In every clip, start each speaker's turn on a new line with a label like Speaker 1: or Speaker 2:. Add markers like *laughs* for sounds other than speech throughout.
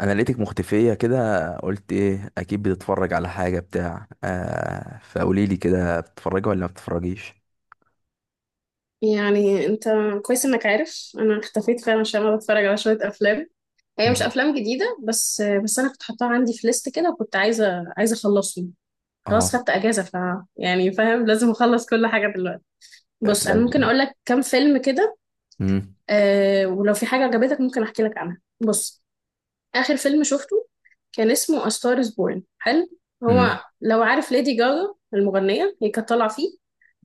Speaker 1: انا لقيتك مختفيه كده. قلت ايه، اكيد بتتفرج على حاجه، بتاع فقولي لي كده، بتتفرجي ولا ما بتتفرجيش؟
Speaker 2: يعني انت كويس انك عارف انا اختفيت فعلا، عشان انا بتفرج على شويه افلام. هي مش
Speaker 1: مم.
Speaker 2: افلام جديده، بس انا كنت حاطاها عندي في ليست كده، وكنت عايزه اخلصهم.
Speaker 1: اه.
Speaker 2: خلاص، خدت اجازه. يعني فاهم، لازم اخلص كل حاجه دلوقتي. بص، انا
Speaker 1: افلام.
Speaker 2: ممكن اقول لك كام فيلم كده.
Speaker 1: امم.
Speaker 2: آه، ولو في حاجه عجبتك ممكن احكي لك عنها. بص، اخر فيلم شفته كان اسمه A Star is Born، حلو.
Speaker 1: امم.
Speaker 2: هو، لو عارف ليدي جاجا المغنيه، هي كانت طالعه فيه.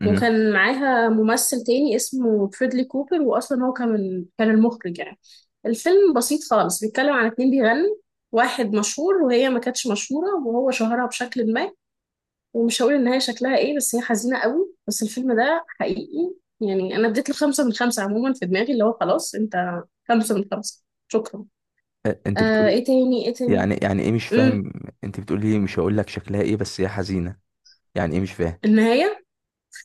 Speaker 1: امم
Speaker 2: وكان معاها ممثل تاني اسمه فريدلي كوبر، واصلا هو كان المخرج يعني. الفيلم بسيط خالص، بيتكلم عن اتنين بيغنوا. واحد مشهور وهي ما كانتش مشهورة، وهو شهرها بشكل ما. ومش هقول ان هي شكلها ايه، بس هي حزينة قوي، بس الفيلم ده حقيقي. يعني انا اديت له 5 من 5، عموما في دماغي اللي هو خلاص انت. 5 من 5. شكرا.
Speaker 1: انت
Speaker 2: آه،
Speaker 1: بتقولي.
Speaker 2: ايه تاني ايه تاني.
Speaker 1: يعني ايه؟ مش
Speaker 2: امم.
Speaker 1: فاهم. انت بتقولي مش هقول لك شكلها ايه بس هي حزينه. يعني ايه؟ مش فاهم.
Speaker 2: النهاية.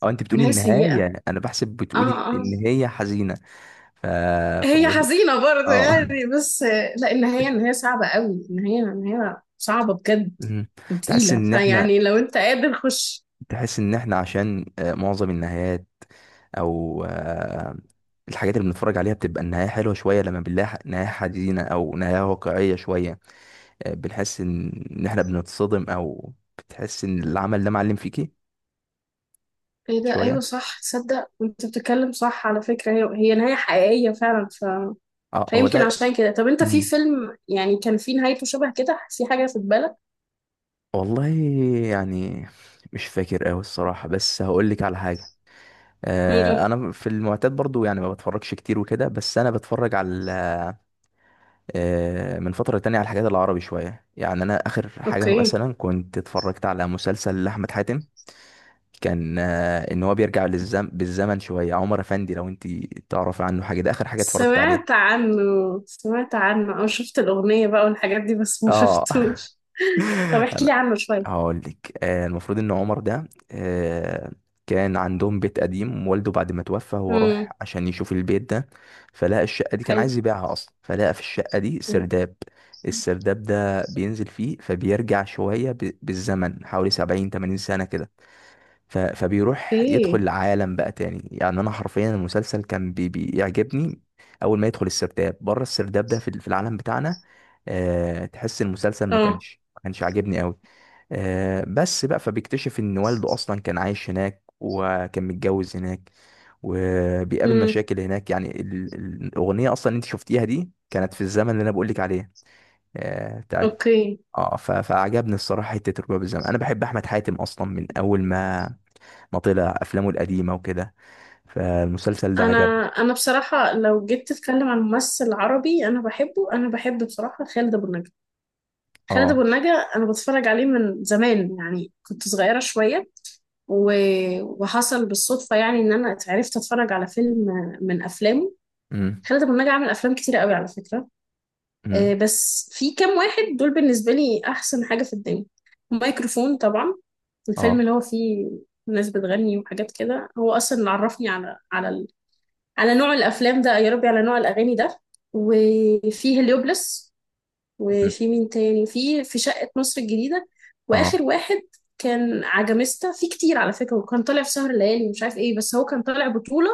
Speaker 1: اه، انت بتقولي
Speaker 2: نهاية سيئة.
Speaker 1: النهايه، انا بحسب بتقولي
Speaker 2: اه. اه.
Speaker 1: ان هي حزينه. ف
Speaker 2: هي
Speaker 1: فبقول
Speaker 2: حزينة برضه
Speaker 1: اه. *laughs*
Speaker 2: يعني بس. لا، النهاية صعبة قوي، النهاية صعبة بجد.
Speaker 1: مم. تحس
Speaker 2: وتقيلة،
Speaker 1: ان احنا
Speaker 2: فيعني لو انت قادر خش.
Speaker 1: تحس ان احنا عشان معظم النهايات، او الحاجات اللي بنتفرج عليها بتبقى النهاية حلوة شوية، لما بنلاقي نهاية حزينة او نهاية واقعية شوية، بنحس ان احنا بنتصدم او بتحس ان العمل ده معلم فيكي
Speaker 2: ايه ده،
Speaker 1: شوية.
Speaker 2: ايوه صح، تصدق انت بتتكلم صح على فكرة. هي هي نهاية حقيقية فعلا.
Speaker 1: اه، هو
Speaker 2: فيمكن
Speaker 1: ده.
Speaker 2: عشان كده. طب انت في
Speaker 1: مم.
Speaker 2: فيلم يعني كان في نهايته شبه كده، في حاجة في بالك؟
Speaker 1: والله يعني مش فاكر اوي الصراحة، بس هقول لك على حاجة.
Speaker 2: مم.
Speaker 1: انا في المعتاد برضو يعني ما بتفرجش كتير وكده، بس انا بتفرج على من فترة تانية على الحاجات العربي شوية. يعني أنا آخر حاجة
Speaker 2: اوكي.
Speaker 1: مثلا كنت اتفرجت على مسلسل لأحمد حاتم، كان إن هو بيرجع بالزمن شوية. عمر أفندي، لو أنت تعرف عنه حاجة، ده آخر حاجة اتفرجت عليها.
Speaker 2: سمعت عنه. سمعت عنه او شفت الأغنية بقى والحاجات دي، بس ما
Speaker 1: اه. *laughs*
Speaker 2: شفتوش. *laughs* طب
Speaker 1: *laughs*
Speaker 2: احكي
Speaker 1: أنا
Speaker 2: لي عنه شوية.
Speaker 1: هقول لك، المفروض ان عمر ده آه، كان عندهم بيت قديم، والده بعد ما توفى هو راح
Speaker 2: امم.
Speaker 1: عشان يشوف البيت ده، فلقى الشقة دي كان
Speaker 2: حلو.
Speaker 1: عايز يبيعها اصلا، فلقى في الشقة دي
Speaker 2: مم.
Speaker 1: سرداب. السرداب ده بينزل فيه، فبيرجع شوية بالزمن، حوالي 70 80 سنة كده. فبيروح يدخل
Speaker 2: اوكي.
Speaker 1: العالم بقى تاني. يعني انا حرفيا المسلسل كان بيعجبني. اول ما يدخل السرداب، بره السرداب ده في، في العالم بتاعنا، تحس المسلسل ما
Speaker 2: اه.
Speaker 1: كانش ما كانش عاجبني قوي. بس بقى، فبيكتشف ان والده اصلا كان عايش هناك وكان متجوز هناك، وبيقابل
Speaker 2: امم.
Speaker 1: مشاكل هناك. يعني الاغنيه اصلا اللي انت شفتيها دي كانت في الزمن اللي انا بقولك عليه، بتاعت.
Speaker 2: اوكي.
Speaker 1: اه، فعجبني الصراحه، حته الرباب الزمن. انا بحب احمد حاتم اصلا من اول ما مطلة افلامه القديمه وكده، فالمسلسل ده
Speaker 2: انا
Speaker 1: عجبني.
Speaker 2: انا بصراحه لو جيت تتكلم عن ممثل عربي انا بحب بصراحه خالد ابو النجا. خالد
Speaker 1: اه.
Speaker 2: ابو النجا. انا بتفرج عليه من زمان، يعني كنت صغيره شويه. و... وحصل بالصدفه يعني ان انا اتفرج على فيلم من افلامه.
Speaker 1: امم.
Speaker 2: خالد ابو النجا عمل افلام كتير قوي على فكره.
Speaker 1: امم.
Speaker 2: بس في كام واحد دول بالنسبه لي احسن حاجه في الدنيا. مايكروفون طبعا، الفيلم
Speaker 1: اه.
Speaker 2: اللي هو فيه ناس بتغني وحاجات كده، هو اصلا اللي عرفني على على نوع الافلام ده، يا ربي، على نوع الاغاني ده. وفي هليوبلس،
Speaker 1: أمم.
Speaker 2: وفي مين تاني، وفي شقة مصر الجديدة.
Speaker 1: اه.
Speaker 2: واخر واحد كان عجميستا، في كتير على فكرة، وكان طالع في سهر الليالي ومش عارف ايه، بس هو كان طالع بطولة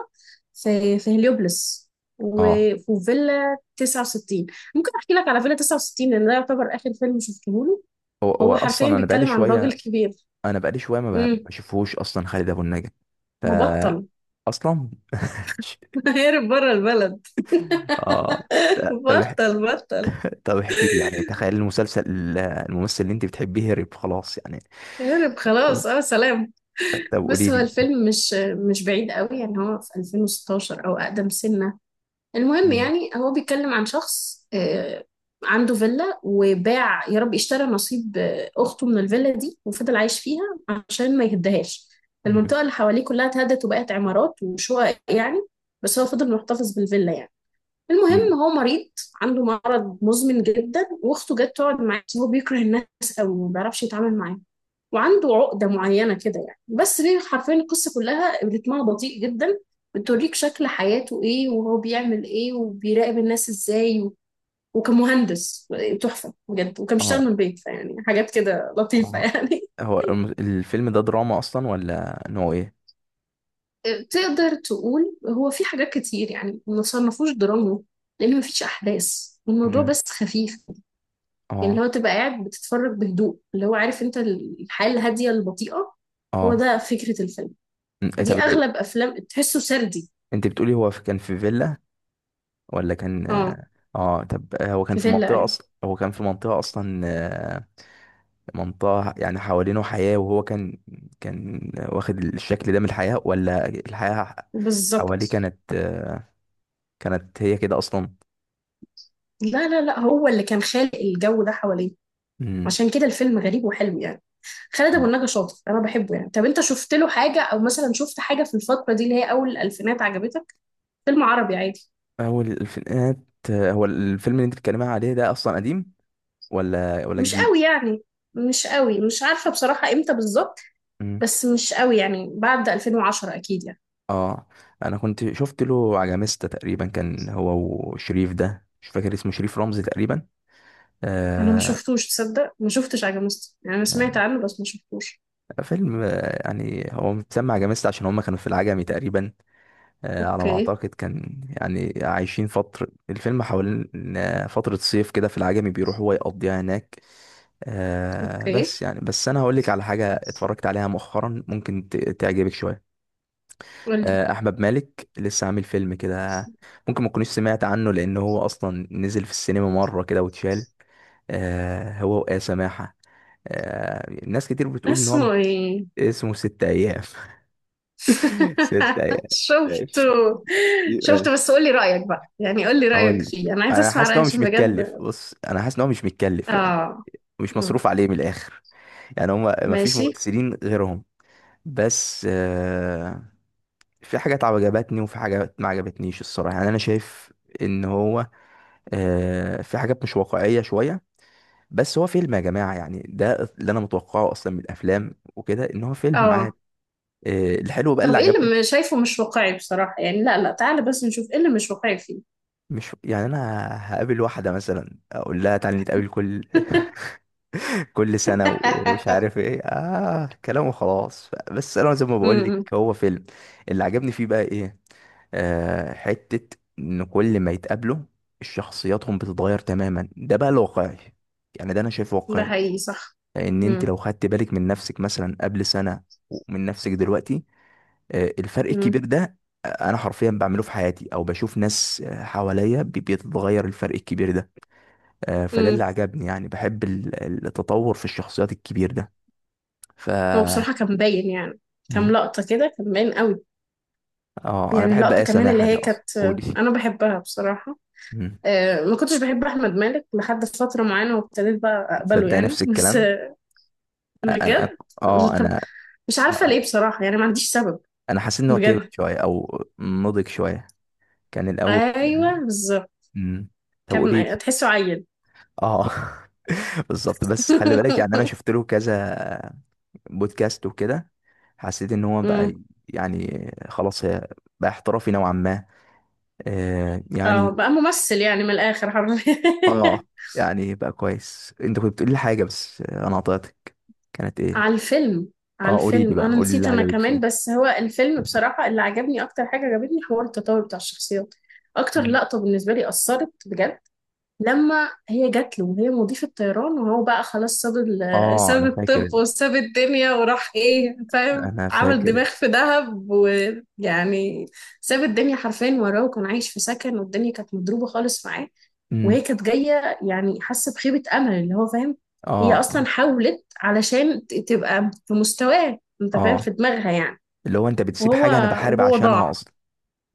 Speaker 2: في هليوبلس
Speaker 1: اه.
Speaker 2: وفيلا 69. ممكن احكي لك على فيلا 69 لان ده يعتبر اخر فيلم شفته له.
Speaker 1: هو
Speaker 2: هو حرفيا
Speaker 1: اصلا انا بقالي
Speaker 2: بيتكلم عن راجل
Speaker 1: شويه،
Speaker 2: كبير.
Speaker 1: انا بقالي شويه ما ب-
Speaker 2: امم.
Speaker 1: بشوفهوش اصلا خالد ابو النجا. فا
Speaker 2: مبطل.
Speaker 1: اصلا. *laughs*
Speaker 2: *laughs* هرب بره البلد.
Speaker 1: اه. لا،
Speaker 2: *laughs* بطل بطل،
Speaker 1: طب احكي لي يعني، تخيل المسلسل، الممثل اللي انت بتحبيه هرب خلاص يعني.
Speaker 2: هرب خلاص، اه، سلام.
Speaker 1: طب قولي
Speaker 2: بس هو
Speaker 1: لي.
Speaker 2: الفيلم مش بعيد قوي يعني. هو في 2016 او اقدم سنة. المهم
Speaker 1: أمم.
Speaker 2: يعني هو بيتكلم عن شخص عنده فيلا، وباع، يا رب اشترى نصيب اخته من الفيلا دي، وفضل عايش فيها عشان ما يهدهاش.
Speaker 1: أمم.
Speaker 2: المنطقة اللي حواليه كلها اتهدت وبقت عمارات وشقق يعني، بس هو فضل محتفظ بالفيلا يعني. المهم
Speaker 1: أمم.
Speaker 2: هو مريض، عنده مرض مزمن جدا، واخته جت تقعد معاه، بس هو بيكره الناس قوي، ما بيعرفش يتعامل معاهم. وعنده عقدة معينة كده يعني، بس هي حرفيا القصة كلها رتمها بطيء جدا. بتوريك شكل حياته ايه، وهو بيعمل ايه، وبيراقب الناس ازاي. وكمهندس تحفة بجد، وكان بيشتغل
Speaker 1: اه.
Speaker 2: من البيت، فيعني حاجات كده لطيفة
Speaker 1: اه.
Speaker 2: يعني.
Speaker 1: هو الفيلم ده دراما اصلا ولا نوع ايه؟
Speaker 2: *laughs* تقدر تقول هو في حاجات كتير، يعني ما صنفوش دراما لأن مفيش أحداث، الموضوع
Speaker 1: أمم.
Speaker 2: بس خفيف. اللي
Speaker 1: اه.
Speaker 2: هو تبقى قاعد بتتفرج بهدوء، اللي هو عارف انت، الحياة الهادية البطيئة. هو
Speaker 1: اه.
Speaker 2: ده فكرة الفيلم.
Speaker 1: أمم، إيه
Speaker 2: دي
Speaker 1: طب.
Speaker 2: اغلب افلام تحسه سردي.
Speaker 1: انت بتقولي هو كان في فيلا ولا كان؟
Speaker 2: اه.
Speaker 1: اه، طب هو كان
Speaker 2: في
Speaker 1: في
Speaker 2: فيلا،
Speaker 1: منطقة
Speaker 2: ايوه.
Speaker 1: اصلا، هو كان في منطقة اصلا، منطقة يعني حوالينه حياة وهو كان، كان واخد الشكل ده من الحياة ولا الحياة حواليه
Speaker 2: بالظبط.
Speaker 1: كانت، كانت هي كده اصلا.
Speaker 2: لا لا لا، هو اللي كان خالق الجو ده حواليه،
Speaker 1: امم.
Speaker 2: عشان كده الفيلم غريب وحلو يعني. خالد ابو
Speaker 1: اه،
Speaker 2: النجا شاطر، انا بحبه يعني. طب انت شفت له حاجه، او مثلا شفت حاجه في الفتره دي اللي هي اول الالفينات عجبتك؟ فيلم عربي عادي.
Speaker 1: هو الفينات. هو الفيلم اللي انت بتتكلمي عليه ده اصلا قديم ولا ولا
Speaker 2: مش
Speaker 1: جديد؟
Speaker 2: قوي يعني. مش قوي، مش عارفه بصراحه امتى بالظبط.
Speaker 1: امم.
Speaker 2: بس مش قوي يعني، بعد 2010 اكيد يعني.
Speaker 1: اه. انا كنت شفت له عجميستا تقريبا، كان هو وشريف، ده مش فاكر اسمه، شريف رمزي تقريبا.
Speaker 2: انا ما
Speaker 1: آه.
Speaker 2: شفتوش، تصدق ما شفتش عجمست يعني. انا سمعت
Speaker 1: آه،
Speaker 2: عنه بس ما شفتوش.
Speaker 1: فيلم، يعني هو متسمى عجميست عشان هم كانوا في العجمي تقريبا. آه، على ما
Speaker 2: اوكي.
Speaker 1: أعتقد كان، يعني عايشين فترة الفيلم حوالين فترة صيف كده في العجمي، بيروح هو يقضيها هناك.
Speaker 2: اوكي.
Speaker 1: بس يعني، بس أنا هقولك على حاجة اتفرجت عليها مؤخرا، ممكن تعجبك شوية.
Speaker 2: قولي.
Speaker 1: أحمد مالك لسه عامل فيلم كده، ممكن ما تكونيش سمعت عنه لأن هو أصلا نزل في السينما مرة كده واتشال. آه، هو وآية سماحة. آه، ناس كتير بتقول إن هو
Speaker 2: اسمه
Speaker 1: مش.
Speaker 2: ايه؟
Speaker 1: اسمه ست ايام. *laughs* ست
Speaker 2: *laughs*
Speaker 1: ايام.
Speaker 2: شفته.
Speaker 1: ماشي. دي
Speaker 2: شفته،
Speaker 1: ماشي.
Speaker 2: بس قولي رأيك بقى، يعني قولي رأيك
Speaker 1: هقول لك،
Speaker 2: فيه، انا عايزه
Speaker 1: انا
Speaker 2: اسمع
Speaker 1: حاسس ان
Speaker 2: رأيك
Speaker 1: هو مش
Speaker 2: عشان
Speaker 1: متكلف.
Speaker 2: بجد.
Speaker 1: بص انا حاسس ان هو مش متكلف يعني،
Speaker 2: اه.
Speaker 1: مش
Speaker 2: مم.
Speaker 1: مصروف عليه من الاخر. يعني هم ما فيش
Speaker 2: ماشي.
Speaker 1: ممثلين غيرهم. بس في حاجات عجبتني وفي حاجات ما عجبتنيش الصراحه. يعني انا شايف ان هو في حاجات مش واقعيه شويه، بس هو فيلم يا جماعه. يعني ده اللي انا متوقعه اصلا من الافلام وكده، ان هو فيلم
Speaker 2: اه.
Speaker 1: عادي. الحلو بقى
Speaker 2: طب
Speaker 1: اللي
Speaker 2: ايه
Speaker 1: عجبني،
Speaker 2: اللي شايفه مش واقعي بصراحة؟ يعني لا لا، تعالى بس نشوف ايه اللي مش واقعي فيه.
Speaker 1: مش يعني انا هقابل واحده مثلا اقول لها تعالي نتقابل كل
Speaker 2: *laughs*
Speaker 1: *laughs* كل سنه ومش عارف ايه، اه كلام وخلاص، بس انا زي ما بقول لك
Speaker 2: امم.
Speaker 1: هو فيلم. اللي عجبني فيه بقى ايه، حته ان كل ما يتقابلوا شخصياتهم بتتغير تماما، ده بقى الواقعي، يعني ده انا شايفه
Speaker 2: ده
Speaker 1: واقعي.
Speaker 2: حقيقي صح.
Speaker 1: لان انت
Speaker 2: امم.
Speaker 1: لو خدت بالك من نفسك مثلا قبل سنه، ومن نفسك دلوقتي، الفرق الكبير ده، انا حرفيا بعمله في حياتي، او بشوف ناس حواليا بيتغير الفرق الكبير ده. فده
Speaker 2: امم.
Speaker 1: اللي عجبني، يعني بحب التطور في الشخصيات الكبير ده. ف
Speaker 2: هو بصراحة كان باين يعني، كام
Speaker 1: مم.
Speaker 2: لقطة كده كان باين قوي.
Speaker 1: اه انا
Speaker 2: يعني
Speaker 1: بحب
Speaker 2: اللقطة
Speaker 1: ايه
Speaker 2: كمان اللي
Speaker 1: سماحه دي
Speaker 2: هي
Speaker 1: اصلا،
Speaker 2: كانت،
Speaker 1: قولي.
Speaker 2: أنا بحبها بصراحة.
Speaker 1: مم.
Speaker 2: ما كنتش بحب أحمد مالك لحد فترة معينة، وابتديت بقى أقبله
Speaker 1: تصدق
Speaker 2: يعني،
Speaker 1: نفس
Speaker 2: بس
Speaker 1: الكلام. انا
Speaker 2: بجد.
Speaker 1: اه
Speaker 2: طب،
Speaker 1: انا
Speaker 2: مش عارفة ليه
Speaker 1: هقولك.
Speaker 2: بصراحة، يعني ما عنديش سبب.
Speaker 1: انا حاسس ان هو كبر
Speaker 2: بجد.
Speaker 1: شويه او نضج شويه كان الاول.
Speaker 2: أيوه بالظبط.
Speaker 1: مم. طب قولي.
Speaker 2: كان تحسه عيل.
Speaker 1: اه. *laughs* بالظبط. بس خلي بالك، يعني انا
Speaker 2: *laughs*
Speaker 1: شفت له كذا بودكاست وكده، حسيت ان هو
Speaker 2: أمم.
Speaker 1: بقى يعني خلاص هي، بقى احترافي نوعا ما.
Speaker 2: اه،
Speaker 1: يعني
Speaker 2: بقى ممثل يعني من الآخر حرفيا.
Speaker 1: اه يعني بقى كويس. انت كنت بتقول لي حاجه بس انا قطعتك، كانت
Speaker 2: *laughs*
Speaker 1: ايه؟
Speaker 2: على الفيلم. على
Speaker 1: اه، قولي لي
Speaker 2: الفيلم
Speaker 1: بقى،
Speaker 2: أنا
Speaker 1: قولي لي
Speaker 2: نسيت.
Speaker 1: اللي
Speaker 2: أنا
Speaker 1: عجبك
Speaker 2: كمان،
Speaker 1: فيه.
Speaker 2: بس هو الفيلم بصراحة اللي عجبني أكتر حاجة عجبتني حوار التطور بتاع الشخصيات. أكتر
Speaker 1: مم.
Speaker 2: لقطة بالنسبة لي أثرت بجد، لما هي جات له وهي مضيفة طيران، وهو بقى خلاص ساب *laughs*
Speaker 1: اه
Speaker 2: ساب
Speaker 1: انا
Speaker 2: الطب
Speaker 1: فاكر،
Speaker 2: وساب الدنيا وراح، ايه فاهم،
Speaker 1: انا
Speaker 2: عمل
Speaker 1: فاكر.
Speaker 2: دماغ في دهب، ويعني ساب الدنيا حرفيا وراه، وكان عايش في سكن، والدنيا كانت مضروبة خالص معاه. وهي
Speaker 1: امم.
Speaker 2: كانت جاية، يعني حاسة بخيبة أمل، اللي هو فاهم. هي أصلا
Speaker 1: اه.
Speaker 2: حاولت علشان تبقى في مستواه، انت فاهم،
Speaker 1: اه.
Speaker 2: في دماغها يعني.
Speaker 1: اللي هو انت بتسيب
Speaker 2: وهو
Speaker 1: حاجه انا بحارب
Speaker 2: وهو
Speaker 1: عشانها
Speaker 2: ضاع.
Speaker 1: اصلا،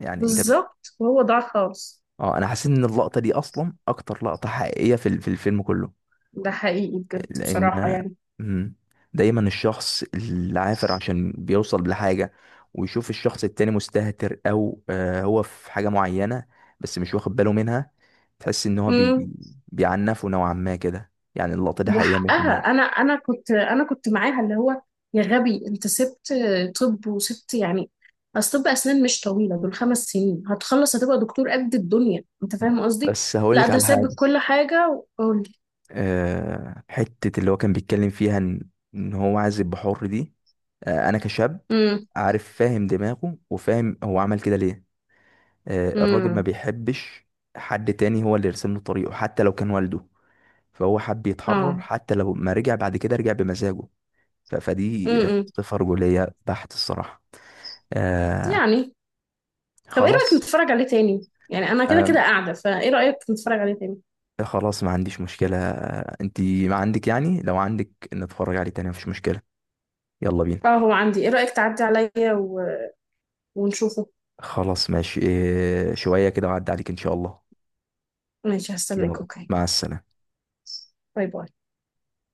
Speaker 1: يعني انت.
Speaker 2: بالظبط، وهو ضاع خالص.
Speaker 1: اه، انا حسيت ان اللقطه دي اصلا اكتر لقطه حقيقيه في في الفيلم كله.
Speaker 2: ده حقيقي بجد بصراحة.
Speaker 1: لان مم، دايما الشخص العافر عشان بيوصل لحاجه، ويشوف الشخص التاني مستهتر او هو في حاجه معينه بس مش واخد باله منها، تحس ان هو
Speaker 2: يعني
Speaker 1: بيعنفه نوعا ما كده. يعني اللقطه دي حقيقيه
Speaker 2: وحقها،
Speaker 1: 100%.
Speaker 2: انا كنت معاها، اللي هو يا غبي، انت سبت. طب وسبت يعني. اصل طب اسنان مش طويله، دول 5 سنين هتخلص، هتبقى دكتور قد الدنيا، انت فاهم قصدي.
Speaker 1: بس هقول
Speaker 2: لا،
Speaker 1: لك
Speaker 2: ده
Speaker 1: على حاجه،
Speaker 2: ساب كل حاجه، وقول.
Speaker 1: حته اللي هو كان بيتكلم فيها ان هو عايز يبقى حر دي، انا كشاب
Speaker 2: امم.
Speaker 1: عارف فاهم دماغه وفاهم هو عمل كده ليه. الراجل ما
Speaker 2: امم.
Speaker 1: بيحبش حد تاني هو اللي يرسم له طريقه حتى لو كان والده، فهو حب يتحرر،
Speaker 2: اه.
Speaker 1: حتى لو ما رجع بعد كده رجع بمزاجه. فدي
Speaker 2: امم. امم.
Speaker 1: صفة رجولية بحت الصراحة. آه.
Speaker 2: يعني، طب ايه رايك
Speaker 1: خلاص.
Speaker 2: نتفرج عليه تاني؟ يعني انا كده
Speaker 1: آه
Speaker 2: كده قاعده، فايه رايك نتفرج عليه تاني؟
Speaker 1: خلاص ما عنديش مشكلة، آه انتي ما عندك، يعني لو عندك نتفرج عليه تاني مفيش مشكلة، يلا بينا.
Speaker 2: اه، هو عندي. ايه رايك تعدي عليا؟ ونشوفه.
Speaker 1: خلاص ماشي، شوية كده وعد عليك ان شاء الله.
Speaker 2: ماشي،
Speaker 1: يلا،
Speaker 2: هستناك، اوكي.
Speaker 1: مع السلامة.
Speaker 2: باي باي.